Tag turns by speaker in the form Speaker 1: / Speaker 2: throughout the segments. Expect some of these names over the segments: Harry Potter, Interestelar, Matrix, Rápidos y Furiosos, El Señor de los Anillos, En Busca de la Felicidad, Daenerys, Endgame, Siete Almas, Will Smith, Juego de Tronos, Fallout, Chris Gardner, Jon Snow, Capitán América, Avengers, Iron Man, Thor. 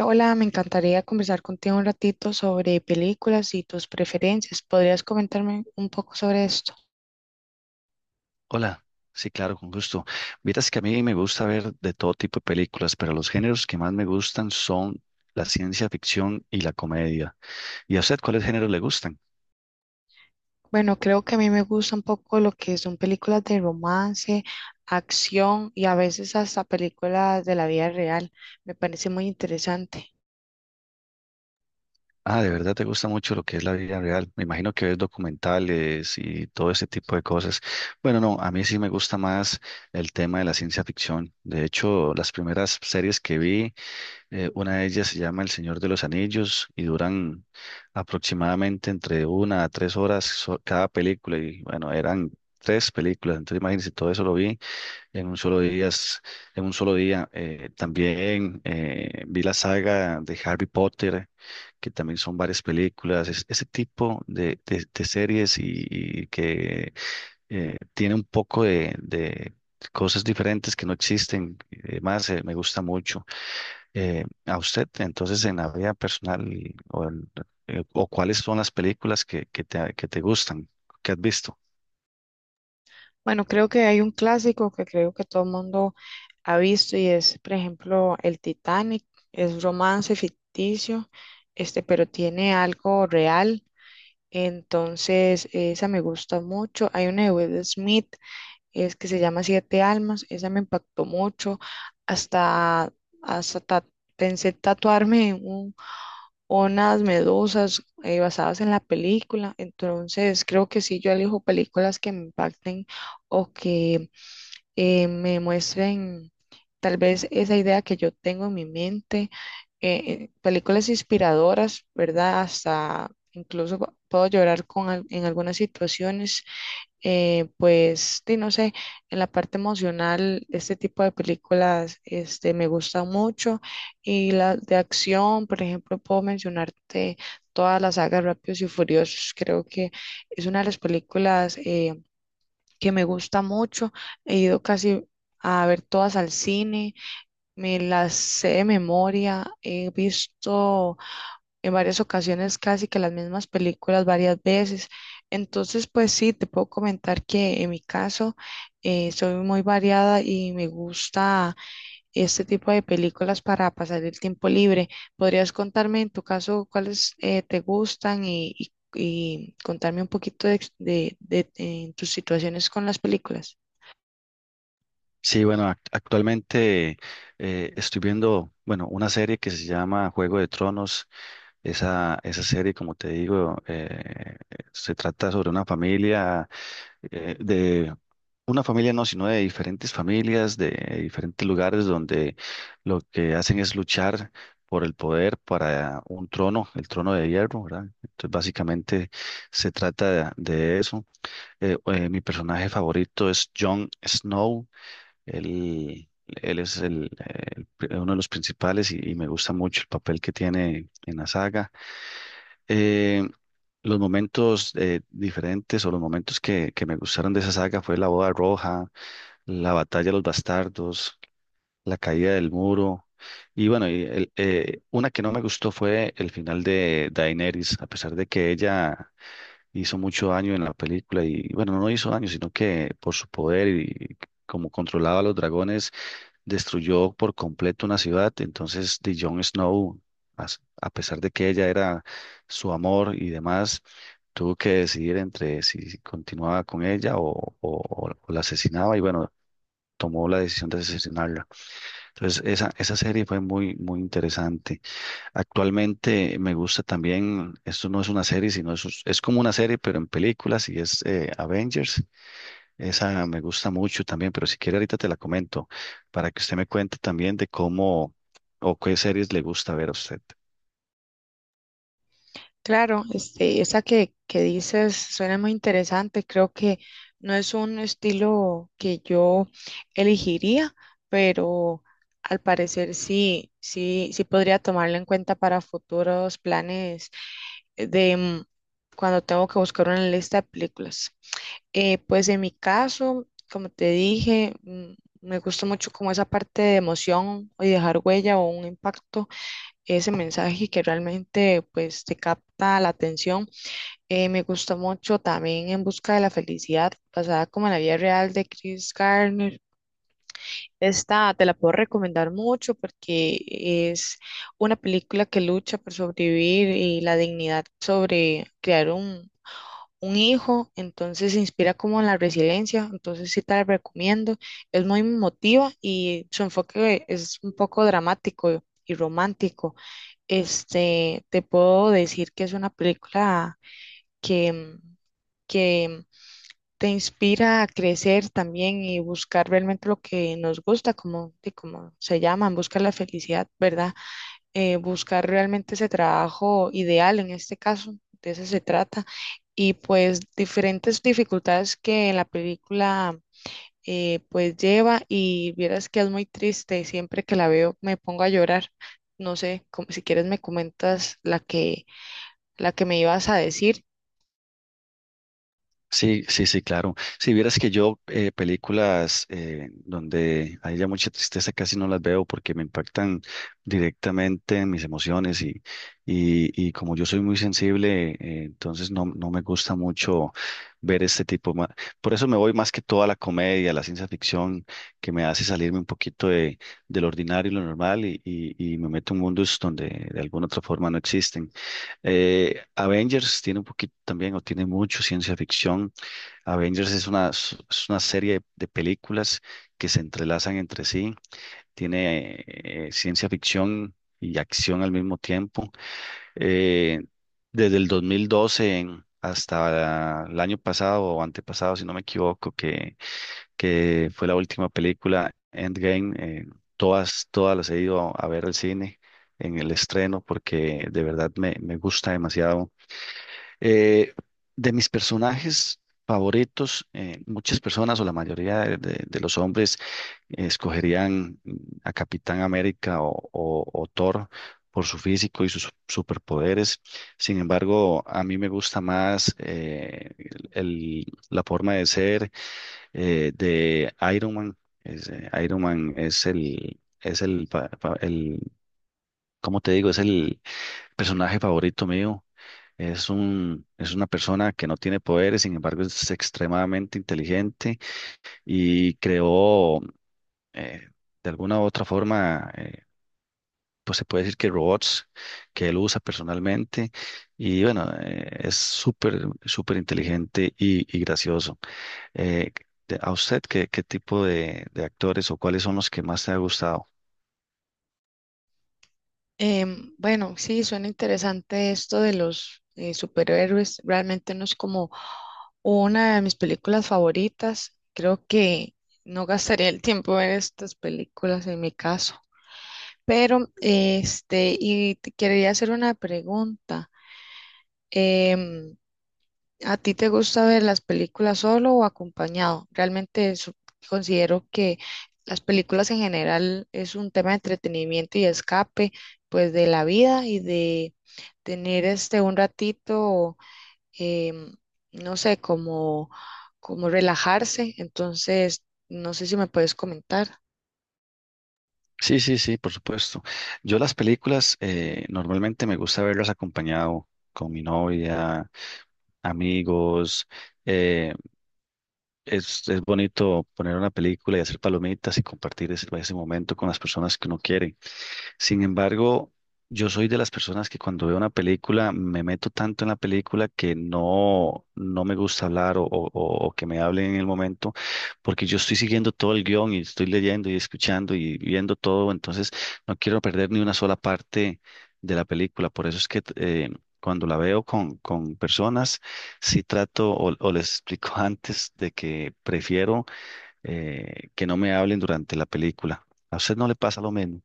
Speaker 1: Hola, me encantaría conversar contigo un ratito sobre películas y tus preferencias. ¿Podrías comentarme un poco sobre esto?
Speaker 2: Hola, sí, claro, con gusto. Vieras que a mí me gusta ver de todo tipo de películas, pero los géneros que más me gustan son la ciencia ficción y la comedia. ¿Y a usted cuáles géneros le gustan?
Speaker 1: Bueno, creo que a mí me gusta un poco lo que son películas de romance, acción y a veces hasta películas de la vida real. Me parece muy interesante.
Speaker 2: Ah, de verdad te gusta mucho lo que es la vida real. Me imagino que ves documentales y todo ese tipo de cosas. Bueno, no, a mí sí me gusta más el tema de la ciencia ficción. De hecho, las primeras series que vi una de ellas se llama El Señor de los Anillos y duran aproximadamente entre una a tres horas cada película. Y bueno, eran tres películas. Entonces imagínense, todo eso lo vi en un solo día. En un solo día. También vi la saga de Harry Potter, que también son varias películas. Ese tipo de, de series y que tiene un poco de cosas diferentes que no existen. Además, me gusta mucho a usted, entonces en la vida personal y- o, en- o cuáles son las películas que te gustan, que has visto.
Speaker 1: Bueno, creo que hay un clásico que creo que todo el mundo ha visto y es, por ejemplo, el Titanic. Es romance ficticio, este, pero tiene algo real. Entonces, esa me gusta mucho. Hay una de Will Smith, es que se llama Siete Almas, esa me impactó mucho. Hasta, hasta ta- Pensé tatuarme unas medusas basadas en la película. Entonces, creo que sí, yo elijo películas que me impacten o que me muestren tal vez esa idea que yo tengo en mi mente, películas inspiradoras, ¿verdad? Hasta incluso puedo llorar en algunas situaciones, pues, sí, no sé, en la parte emocional, este tipo de películas, me gustan mucho, y las de acción, por ejemplo, puedo mencionarte todas las sagas Rápidos y Furiosos, creo que es una de las películas que me gusta mucho. He ido casi a ver todas al cine, me las sé de memoria, he visto en varias ocasiones casi que las mismas películas varias veces. Entonces, pues sí, te puedo comentar que en mi caso soy muy variada y me gusta este tipo de películas para pasar el tiempo libre. ¿Podrías contarme en tu caso cuáles te gustan y contarme un poquito de en tus situaciones con las películas?
Speaker 2: Sí, bueno, actualmente estoy viendo, bueno, una serie que se llama Juego de Tronos. Esa serie, como te digo, se trata sobre una familia, de una familia no, sino de diferentes familias, de diferentes lugares donde lo que hacen es luchar por el poder para un trono, el trono de hierro, ¿verdad? Entonces, básicamente se trata de eso. Mi personaje favorito es Jon Snow, él, él es el, uno de los principales y me gusta mucho el papel que tiene en la saga. Eh, los momentos diferentes o los momentos que me gustaron de esa saga fue la boda roja, la batalla de los bastardos, la caída del muro. Y bueno, una que no me gustó fue el final de Daenerys, a pesar de que ella hizo mucho daño en la película y bueno, no hizo daño, sino que por su poder y como controlaba a los dragones, destruyó por completo una ciudad. Entonces, de Jon Snow, a pesar de que ella era su amor y demás, tuvo que decidir entre si continuaba con ella o, o la asesinaba y bueno, tomó la decisión de asesinarla. Entonces, esa serie fue muy, muy interesante. Actualmente me gusta también, esto no es una serie, sino es como una serie, pero en películas y es Avengers. Esa me gusta mucho también, pero si quiere ahorita te la comento para que usted me cuente también de cómo o qué series le gusta ver a usted.
Speaker 1: Claro, este, esa que dices suena muy interesante. Creo que no es un estilo que yo elegiría, pero al parecer sí, sí, sí podría tomarlo en cuenta para futuros planes de cuando tengo que buscar una lista de películas. Pues en mi caso, como te dije, me gusta mucho como esa parte de emoción y dejar huella o un impacto, ese mensaje que realmente pues te capta la atención. Me gustó mucho también En Busca de la Felicidad, basada como en la vida real de Chris Gardner. Esta te la puedo recomendar mucho porque es una película que lucha por sobrevivir y la dignidad sobre crear un hijo, entonces se inspira como en la resiliencia, entonces sí te la recomiendo, es muy emotiva y su enfoque es un poco dramático y romántico. Este, te puedo decir que es una película que que te inspira a crecer también y buscar realmente lo que nos gusta, como, de como se llaman, buscar la felicidad, ¿verdad? Buscar realmente ese trabajo ideal en este caso, de eso se trata. Y pues diferentes dificultades que la película pues lleva, y vieras que es muy triste, siempre que la veo me pongo a llorar. No sé, si quieres me comentas la que me ibas a decir.
Speaker 2: Sí, sí, sí, claro. Si vieras que yo películas donde haya mucha tristeza casi no las veo porque me impactan directamente en mis emociones y como yo soy muy sensible, entonces no, no me gusta mucho ver este tipo. Por eso me voy más que toda la comedia, la ciencia ficción, que me hace salirme un poquito de lo ordinario y lo normal y me meto en mundos donde de alguna otra forma no existen. Avengers tiene un poquito también o tiene mucho ciencia ficción. Avengers es una, es una serie de películas que se entrelazan entre sí, tiene ciencia ficción y acción al mismo tiempo. Eh, desde el 2012 hasta el año pasado o antepasado, si no me equivoco, que fue la última película Endgame, todas, todas las he ido a ver al cine en el estreno porque de verdad me, me gusta demasiado. Eh, de mis personajes favoritos, muchas personas o la mayoría de, de los hombres escogerían a Capitán América o, o Thor por su físico y sus superpoderes. Sin embargo, a mí me gusta más la forma de ser de Iron Man. Es, Iron Man es el, como te digo, es el personaje favorito mío. Es un, es una persona que no tiene poderes, sin embargo es extremadamente inteligente y creó eh, de alguna u otra forma, pues se puede decir que robots que él usa personalmente y bueno, es súper, súper inteligente y gracioso. Eh, ¿A usted qué, qué tipo de actores o cuáles son los que más te ha gustado?
Speaker 1: Bueno, sí, suena interesante esto de los superhéroes. Realmente no es como una de mis películas favoritas. Creo que no gastaría el tiempo en estas películas en mi caso. Pero, este, y te quería hacer una pregunta. Em, ¿A ti te gusta ver las películas solo o acompañado? Considero que las películas en general es un tema de entretenimiento y escape, pues de la vida y de tener este un ratito, em, no sé, como relajarse. Entonces, no sé si me puedes comentar.
Speaker 2: Sí, sí, sí, por supuesto. Yo las películas normalmente me gusta verlas acompañado con mi novia, amigos. eh, es bonito poner una película y hacer palomitas y compartir ese, ese momento con las personas que uno quiere. Sin embargo, yo soy de las personas que cuando veo una película me meto tanto en la película que no, no me gusta hablar o, o que me hablen en el momento porque yo estoy siguiendo todo el guión y estoy leyendo y escuchando y viendo todo, entonces no quiero perder ni una sola parte de la película. Por eso es que cuando la veo con personas, sí trato o les explico antes de que prefiero que no me hablen durante la película. ¿A usted no le pasa lo mismo?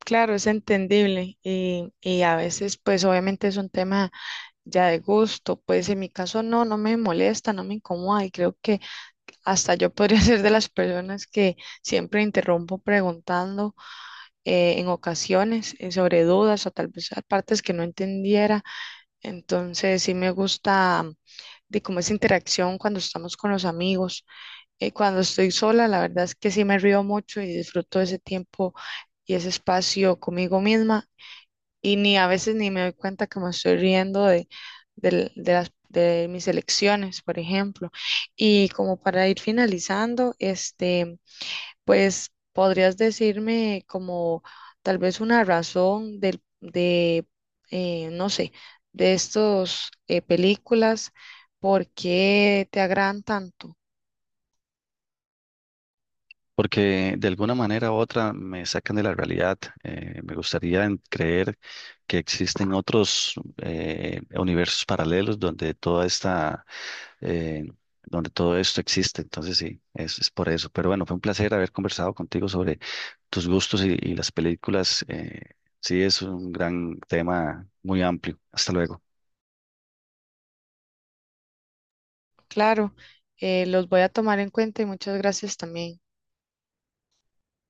Speaker 1: Claro, es entendible, y a veces pues obviamente es un tema ya de gusto, pues en mi caso no, no me molesta, no me incomoda y creo que hasta yo podría ser de las personas que siempre interrumpo preguntando, en ocasiones sobre dudas o tal vez a partes que no entendiera. Entonces sí me gusta, de cómo es interacción cuando estamos con los amigos. Cuando estoy sola, la verdad es que sí me río mucho y disfruto ese tiempo y ese espacio conmigo misma y ni a veces ni me doy cuenta que me estoy riendo de, del- de las, de mis elecciones, por ejemplo. Y como para ir finalizando, este, pues podrías decirme como tal vez una razón de no sé, de estos películas, por qué te agradan tanto.
Speaker 2: Porque de alguna manera u otra me sacan de la realidad. Me gustaría creer que existen otros universos paralelos donde toda esta, eh, donde todo esto existe. Entonces sí, es por eso. Pero bueno, fue un placer haber conversado contigo sobre tus gustos y las películas. Sí, es un gran tema muy amplio. Hasta luego.
Speaker 1: Claro, los voy a tomar en cuenta y muchas gracias también.